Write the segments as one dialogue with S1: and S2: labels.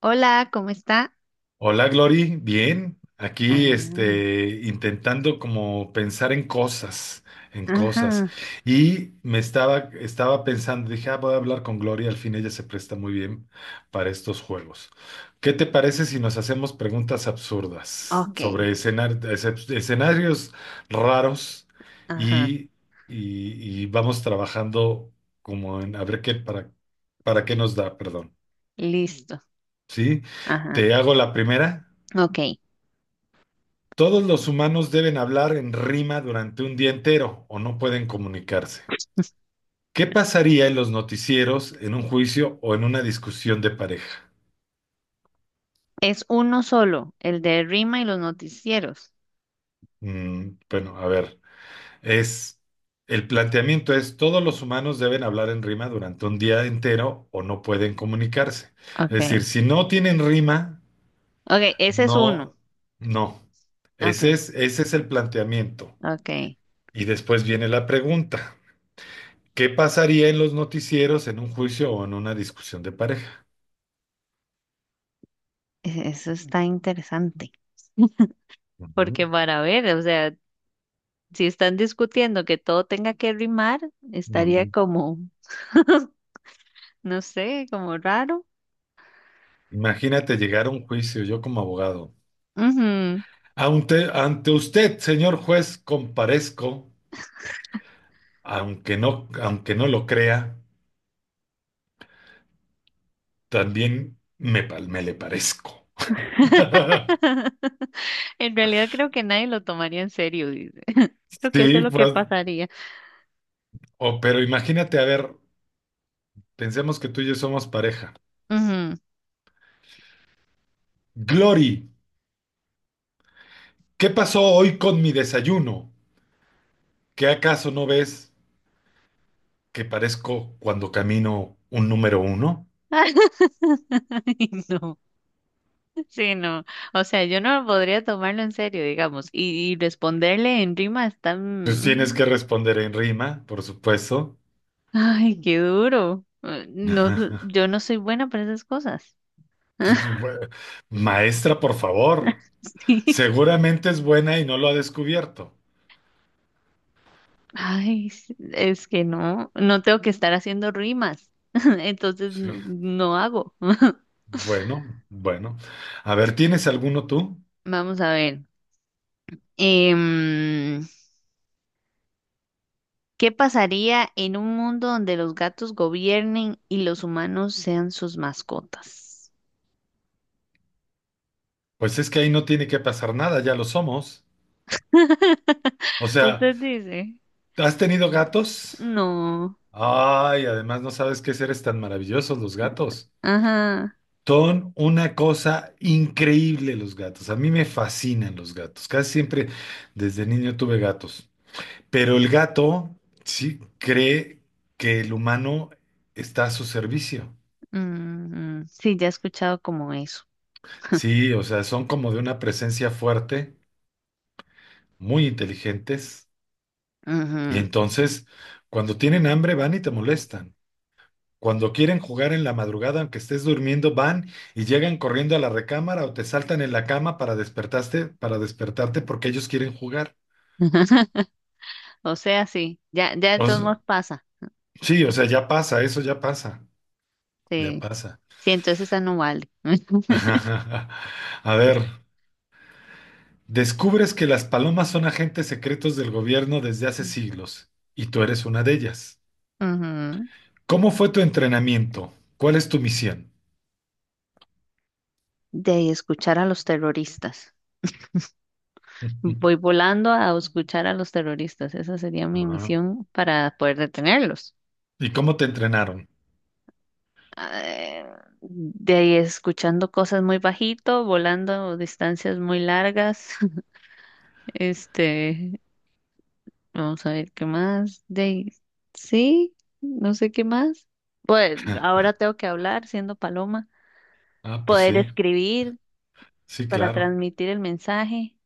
S1: Hola, ¿cómo está?
S2: Hola Glory, bien, aquí
S1: Ah,
S2: intentando como pensar en cosas.
S1: ajá,
S2: Y me estaba pensando, dije, ah, voy a hablar con Glory, al fin ella se presta muy bien para estos juegos. ¿Qué te parece si nos hacemos preguntas absurdas
S1: ok,
S2: sobre escenarios raros
S1: ajá,
S2: y, y- y vamos trabajando como en, a ver qué, para qué nos da, perdón,
S1: listo,
S2: ¿sí?
S1: ajá,
S2: Te hago la primera.
S1: ok.
S2: Todos los humanos deben hablar en rima durante un día entero o no pueden comunicarse. ¿Qué pasaría en los noticieros, en un juicio o en una discusión de pareja?
S1: Es uno solo, el de Rima y los noticieros.
S2: Bueno, a ver, es el planteamiento es todos los humanos deben hablar en rima durante un día entero o no pueden comunicarse. Es decir,
S1: Ok,
S2: si no tienen rima,
S1: ok, ese es uno.
S2: no, no.
S1: Ok,
S2: Ese es el planteamiento.
S1: ok.
S2: Y después viene la pregunta. ¿Qué pasaría en los noticieros, en un juicio o en una discusión de pareja?
S1: Eso está interesante.
S2: Ujú,
S1: Porque para ver, o sea, si están discutiendo que todo tenga que rimar, estaría
S2: ujú.
S1: como, no sé, como raro.
S2: Imagínate llegar a un juicio, yo como abogado. Ante usted, señor juez, comparezco, aunque no lo crea, también me le parezco.
S1: En realidad creo que nadie lo tomaría en serio, dice. Creo que eso es
S2: Sí,
S1: lo que
S2: pues,
S1: pasaría.
S2: pero imagínate, a ver, pensemos que tú y yo somos pareja.
S1: Ujú.
S2: Glory, ¿qué pasó hoy con mi desayuno? ¿Qué acaso no ves que parezco cuando camino un número uno?
S1: Ay, no, sí, no. O sea, yo no podría tomarlo en serio, digamos, y responderle en rima es
S2: Pues tienes
S1: tan...
S2: que responder en rima, por supuesto.
S1: Ay, qué duro. No, yo no soy buena para esas cosas.
S2: Maestra, por favor.
S1: Sí.
S2: Seguramente es buena y no lo ha descubierto.
S1: Ay, es que no, no tengo que estar haciendo rimas. Entonces
S2: Sí.
S1: no, no hago.
S2: Bueno, bueno. A ver, ¿tienes alguno tú?
S1: Vamos a ver. Em, ¿Qué pasaría en un mundo donde los gatos gobiernen y los humanos sean sus mascotas?
S2: Pues es que ahí no tiene que pasar nada, ya lo somos. O sea,
S1: Usted dice,
S2: ¿has tenido gatos?
S1: no,
S2: Ay, además no sabes qué seres tan maravillosos los gatos.
S1: ajá,
S2: Son una cosa increíble los gatos. A mí me fascinan los gatos. Casi siempre desde niño tuve gatos. Pero el gato sí cree que el humano está a su servicio.
S1: mm, sí, ya he escuchado como eso.
S2: Sí, o sea, son como de una presencia fuerte, muy inteligentes. Y
S1: Ujú.
S2: entonces, cuando tienen hambre, van y te molestan. Cuando quieren jugar en la madrugada, aunque estés durmiendo, van y llegan corriendo a la recámara o te saltan en la cama para despertarte porque ellos quieren jugar.
S1: O sea, sí, ya, ya de
S2: O
S1: todos
S2: s-
S1: modos pasa.
S2: sí, o sea, ya pasa, eso ya pasa, ya
S1: Sí,
S2: pasa.
S1: sí, entonces esa no vale.
S2: A ver, descubres que las palomas son agentes secretos del gobierno desde hace siglos y tú eres una de ellas.
S1: Ujú.
S2: ¿Cómo fue tu entrenamiento? ¿Cuál es tu misión?
S1: De ahí escuchar a los terroristas. Voy volando a escuchar a los terroristas. Esa sería mi
S2: Ah,
S1: misión para poder detenerlos.
S2: ¿y cómo te entrenaron?
S1: eh, de ahí escuchando cosas muy bajito, volando distancias muy largas. Este, vamos a ver qué más. De ahí, sí, no sé qué más. Pues ahora tengo que hablar siendo paloma,
S2: Ah, pues
S1: poder
S2: sí,
S1: escribir
S2: sí,
S1: para
S2: claro.
S1: transmitir el mensaje.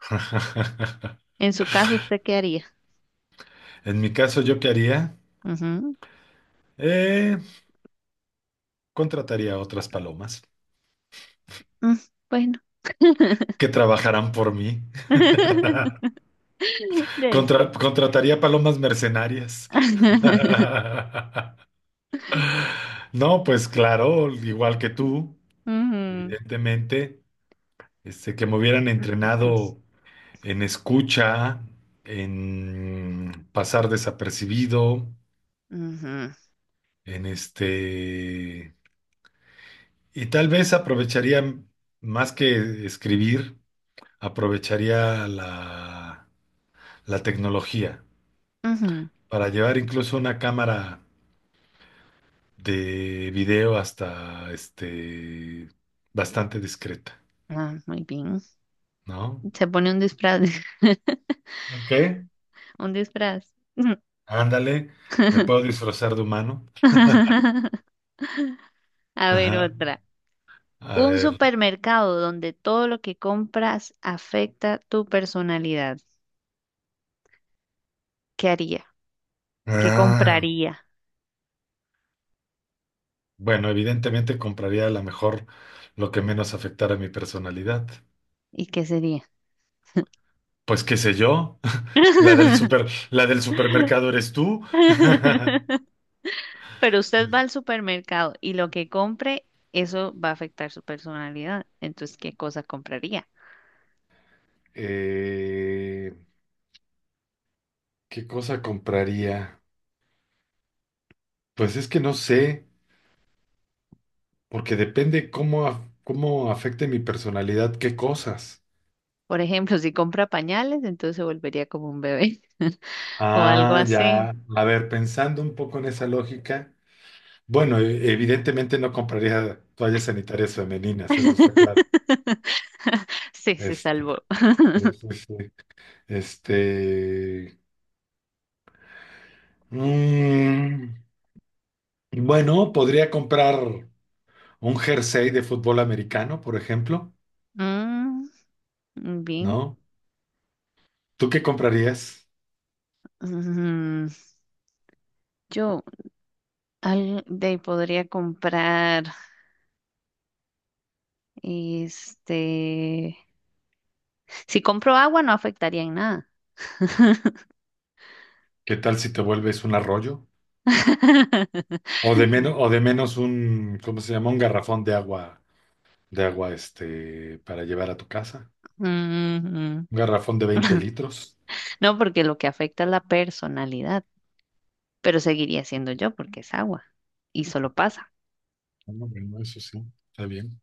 S1: En su caso, ¿usted qué haría?
S2: En mi caso, ¿yo qué haría?
S1: Ujú,
S2: Eh, Contrataría a otras palomas
S1: mm, bueno,
S2: que trabajarán por mí.
S1: de ahí sé.
S2: Contrataría palomas mercenarias. No, pues claro, igual que tú,
S1: Ujú,
S2: evidentemente, que me hubieran entrenado en escucha, en pasar desapercibido,
S1: ujú,
S2: en este, y tal vez aprovecharía más que escribir, aprovecharía la tecnología
S1: ujú.
S2: para llevar incluso una cámara de video hasta bastante discreta,
S1: Ah, muy bien.
S2: ¿no?
S1: Se pone un disfraz.
S2: Ok.
S1: Un disfraz.
S2: Ándale, me puedo disfrazar de humano.
S1: A ver
S2: Ajá,
S1: otra.
S2: a
S1: Un
S2: ver.
S1: supermercado donde todo lo que compras afecta tu personalidad. ¿Qué haría? ¿Qué
S2: Ah,
S1: compraría?
S2: bueno, evidentemente compraría a lo mejor lo que menos afectara a mi personalidad.
S1: ¿Y qué sería?
S2: Pues qué sé yo, la del supermercado eres tú.
S1: Pero usted va al supermercado y lo que compre, eso va a afectar su personalidad. Entonces, ¿qué cosa compraría?
S2: Eh, ¿Qué cosa compraría? Pues es que no sé. Porque depende cómo afecte mi personalidad, qué cosas.
S1: Por ejemplo, si compra pañales, entonces se volvería como un bebé o algo
S2: Ah,
S1: así.
S2: ya. A ver, pensando un poco en esa lógica, bueno, evidentemente no compraría toallas sanitarias femeninas, eso está claro.
S1: Sí, se
S2: Este,
S1: salvó.
S2: sí, sí, sí. Este, mm, bueno, podría comprar un jersey de fútbol americano, por ejemplo,
S1: Mm, bien.
S2: ¿no? ¿Tú qué comprarías?
S1: Mm, yo al, de ahí podría comprar, este, si compro agua no afectaría en nada.
S2: ¿Qué tal si te vuelves un arroyo? O de menos un, ¿cómo se llama? Un garrafón de agua, para llevar a tu casa.
S1: Ujú.
S2: Un garrafón de 20 litros.
S1: No, porque lo que afecta es la personalidad, pero seguiría siendo yo porque es agua y solo pasa
S2: Bueno, bueno, eso sí, está bien.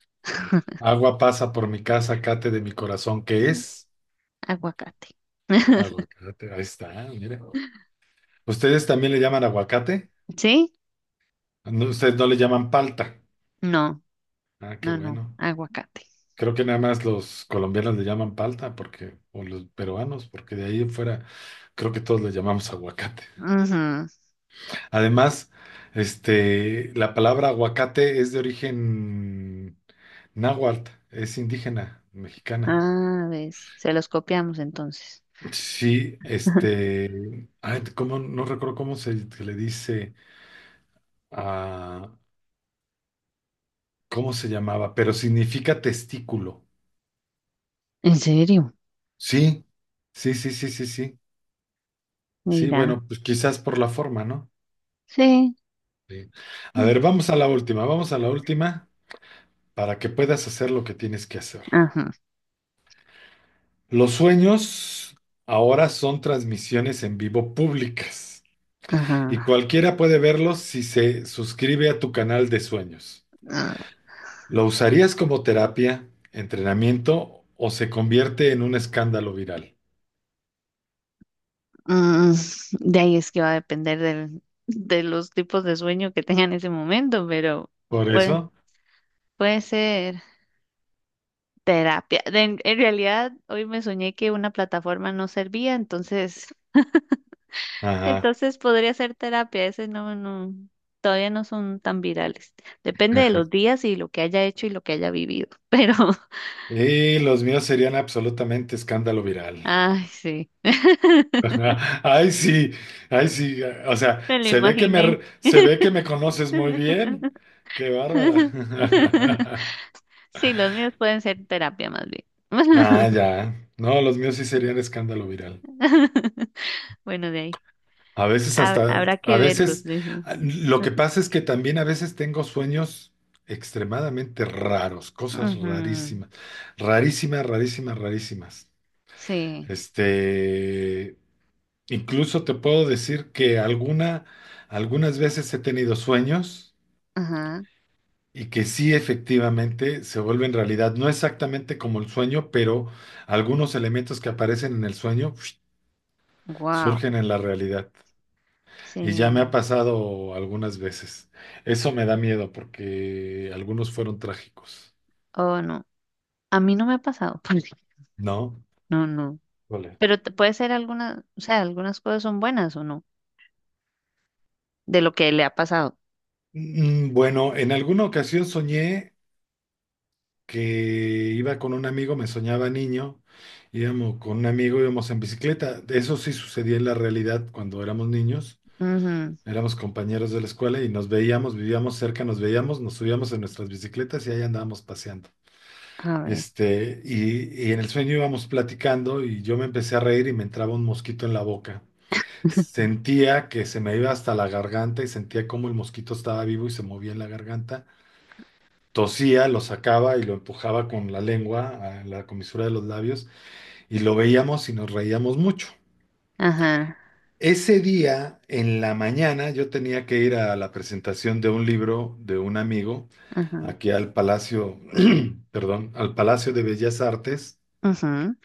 S2: Agua pasa por mi casa, cate de mi corazón, ¿qué es?
S1: aguacate.
S2: Aguacate, ahí está, mire. ¿Ustedes también le llaman aguacate?
S1: ¿Sí?
S2: No, ustedes no le llaman palta.
S1: No,
S2: Ah, qué
S1: no, no,
S2: bueno.
S1: aguacate.
S2: Creo que nada más los colombianos le llaman palta, porque, o los peruanos, porque de ahí en fuera, creo que todos le llamamos aguacate.
S1: Ujú.
S2: Además, la palabra aguacate es de origen náhuatl, es indígena mexicana.
S1: Ah, ves, se los copiamos entonces.
S2: Sí, ay, no recuerdo cómo se le dice a, cómo se llamaba, pero significa testículo.
S1: ¿En serio?
S2: Sí, sí, sí, sí, sí, sí. Sí,
S1: Mira,
S2: bueno, pues quizás por la forma, ¿no?
S1: sí.
S2: Sí. A ver, vamos a la última para que puedas hacer lo que tienes que hacer.
S1: Ajá,
S2: Los sueños ahora son transmisiones en vivo públicas y
S1: ajá.
S2: cualquiera puede verlos si se suscribe a tu canal de sueños.
S1: Ah,
S2: ¿Lo usarías como terapia, entrenamiento o se convierte en un escándalo viral?
S1: mm, de ahí es que va a depender del, de los tipos de sueño que tenga en ese momento, pero
S2: Por
S1: puede,
S2: eso,
S1: puede ser terapia. De- en realidad, hoy me soñé que una plataforma no servía, entonces,
S2: ajá.
S1: entonces podría ser terapia. Ese no, no, todavía no son tan virales. Depende de
S2: Ajá.
S1: los días y lo que haya hecho y lo que haya vivido. Pero,
S2: Y los míos serían absolutamente escándalo viral.
S1: ay, sí,
S2: Ajá. Ay, sí, ay, sí. O sea,
S1: me lo
S2: se ve que me,
S1: imaginé.
S2: se ve que me conoces muy bien. Qué bárbara.
S1: Sí, los míos pueden ser terapia más bien.
S2: Ah, ya. No, los míos sí serían escándalo viral.
S1: Bueno, de ahí. Habrá
S2: A
S1: que verlos,
S2: veces,
S1: dice.
S2: ah, lo que pasa es que también a veces tengo sueños extremadamente raros, cosas
S1: Ujú,
S2: rarísimas, rarísimas, rarísimas, rarísimas.
S1: sí,
S2: Este, Incluso te puedo decir que algunas veces he tenido sueños
S1: ajá,
S2: y que sí efectivamente se vuelven realidad. No exactamente como el sueño, pero algunos elementos que aparecen en el sueño
S1: wow,
S2: surgen en la realidad. Y ya me ha
S1: sí,
S2: pasado algunas veces. Eso me da miedo porque algunos fueron trágicos,
S1: oh no, a mí no me ha pasado, pues,
S2: ¿no?
S1: no, no,
S2: Vale.
S1: puede ser alguna, o sea, algunas cosas son buenas o no, de lo que le ha pasado,
S2: Bueno, en alguna ocasión soñé que iba con un amigo, me soñaba niño, íbamos con un amigo, íbamos en bicicleta. Eso sí sucedía en la realidad cuando éramos niños,
S1: ujú,
S2: éramos compañeros de la escuela y nos veíamos, vivíamos cerca, nos veíamos, nos subíamos en nuestras bicicletas y ahí andábamos paseando.
S1: a ver,
S2: Y en el sueño íbamos platicando y yo me empecé a reír y me entraba un mosquito en la boca. Sentía que se me iba hasta la garganta y sentía como el mosquito estaba vivo y se movía en la garganta. Tosía, lo sacaba y lo empujaba con la lengua a la comisura de los labios y lo veíamos y nos reíamos mucho.
S1: ajá,
S2: Ese día, en la mañana, yo tenía que ir a la presentación de un libro de un amigo
S1: ajá,
S2: aquí al Palacio, perdón, al Palacio de Bellas Artes,
S1: ujú,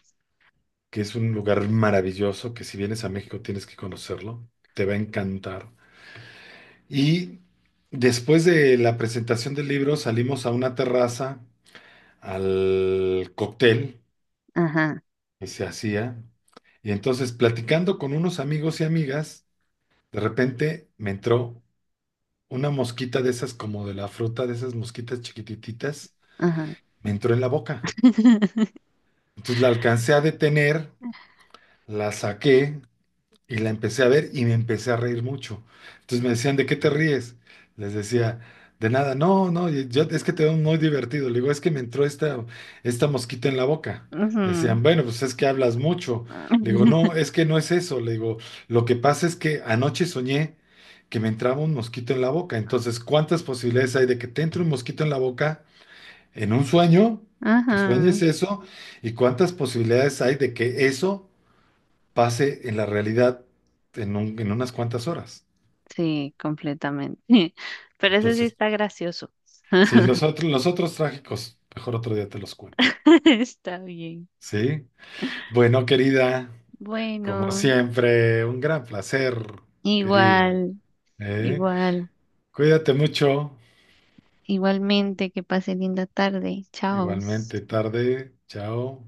S2: que es un lugar maravilloso, que si vienes a México tienes que conocerlo, te va a encantar. Y después de la presentación del libro salimos a una terraza, al cóctel
S1: ajá,
S2: que se hacía, y entonces platicando con unos amigos y amigas, de repente me entró una mosquita de esas como de la fruta, de esas mosquitas chiquitititas,
S1: ajá,
S2: me entró en la boca. Entonces la alcancé a detener, la saqué y la empecé a ver y me empecé a reír mucho. Entonces me decían, ¿de qué te ríes? Les decía, de nada, no, no, y yo, es que te veo muy divertido. Le digo, es que me entró esta mosquita en la boca.
S1: ujú,
S2: Decían, bueno, pues es que hablas mucho. Le digo, no, es que no es eso. Le digo, lo que pasa es que anoche soñé que me entraba un mosquito en la boca. Entonces, ¿cuántas posibilidades hay de que te entre un mosquito en la boca en un sueño? Que
S1: ajá,
S2: sueñes eso. ¿Y cuántas posibilidades hay de que eso pase en la realidad en, en unas cuantas horas?
S1: sí, completamente, pero eso sí
S2: Entonces,
S1: está gracioso,
S2: sí, los otros trágicos, mejor otro día te los cuento.
S1: está bien.
S2: ¿Sí? Bueno, querida, como
S1: Bueno,
S2: siempre, un gran placer, querida.
S1: igual,
S2: ¿Eh?
S1: igual,
S2: Cuídate mucho.
S1: igualmente, que pase linda tarde. Chao.
S2: Igualmente, tarde. Chao.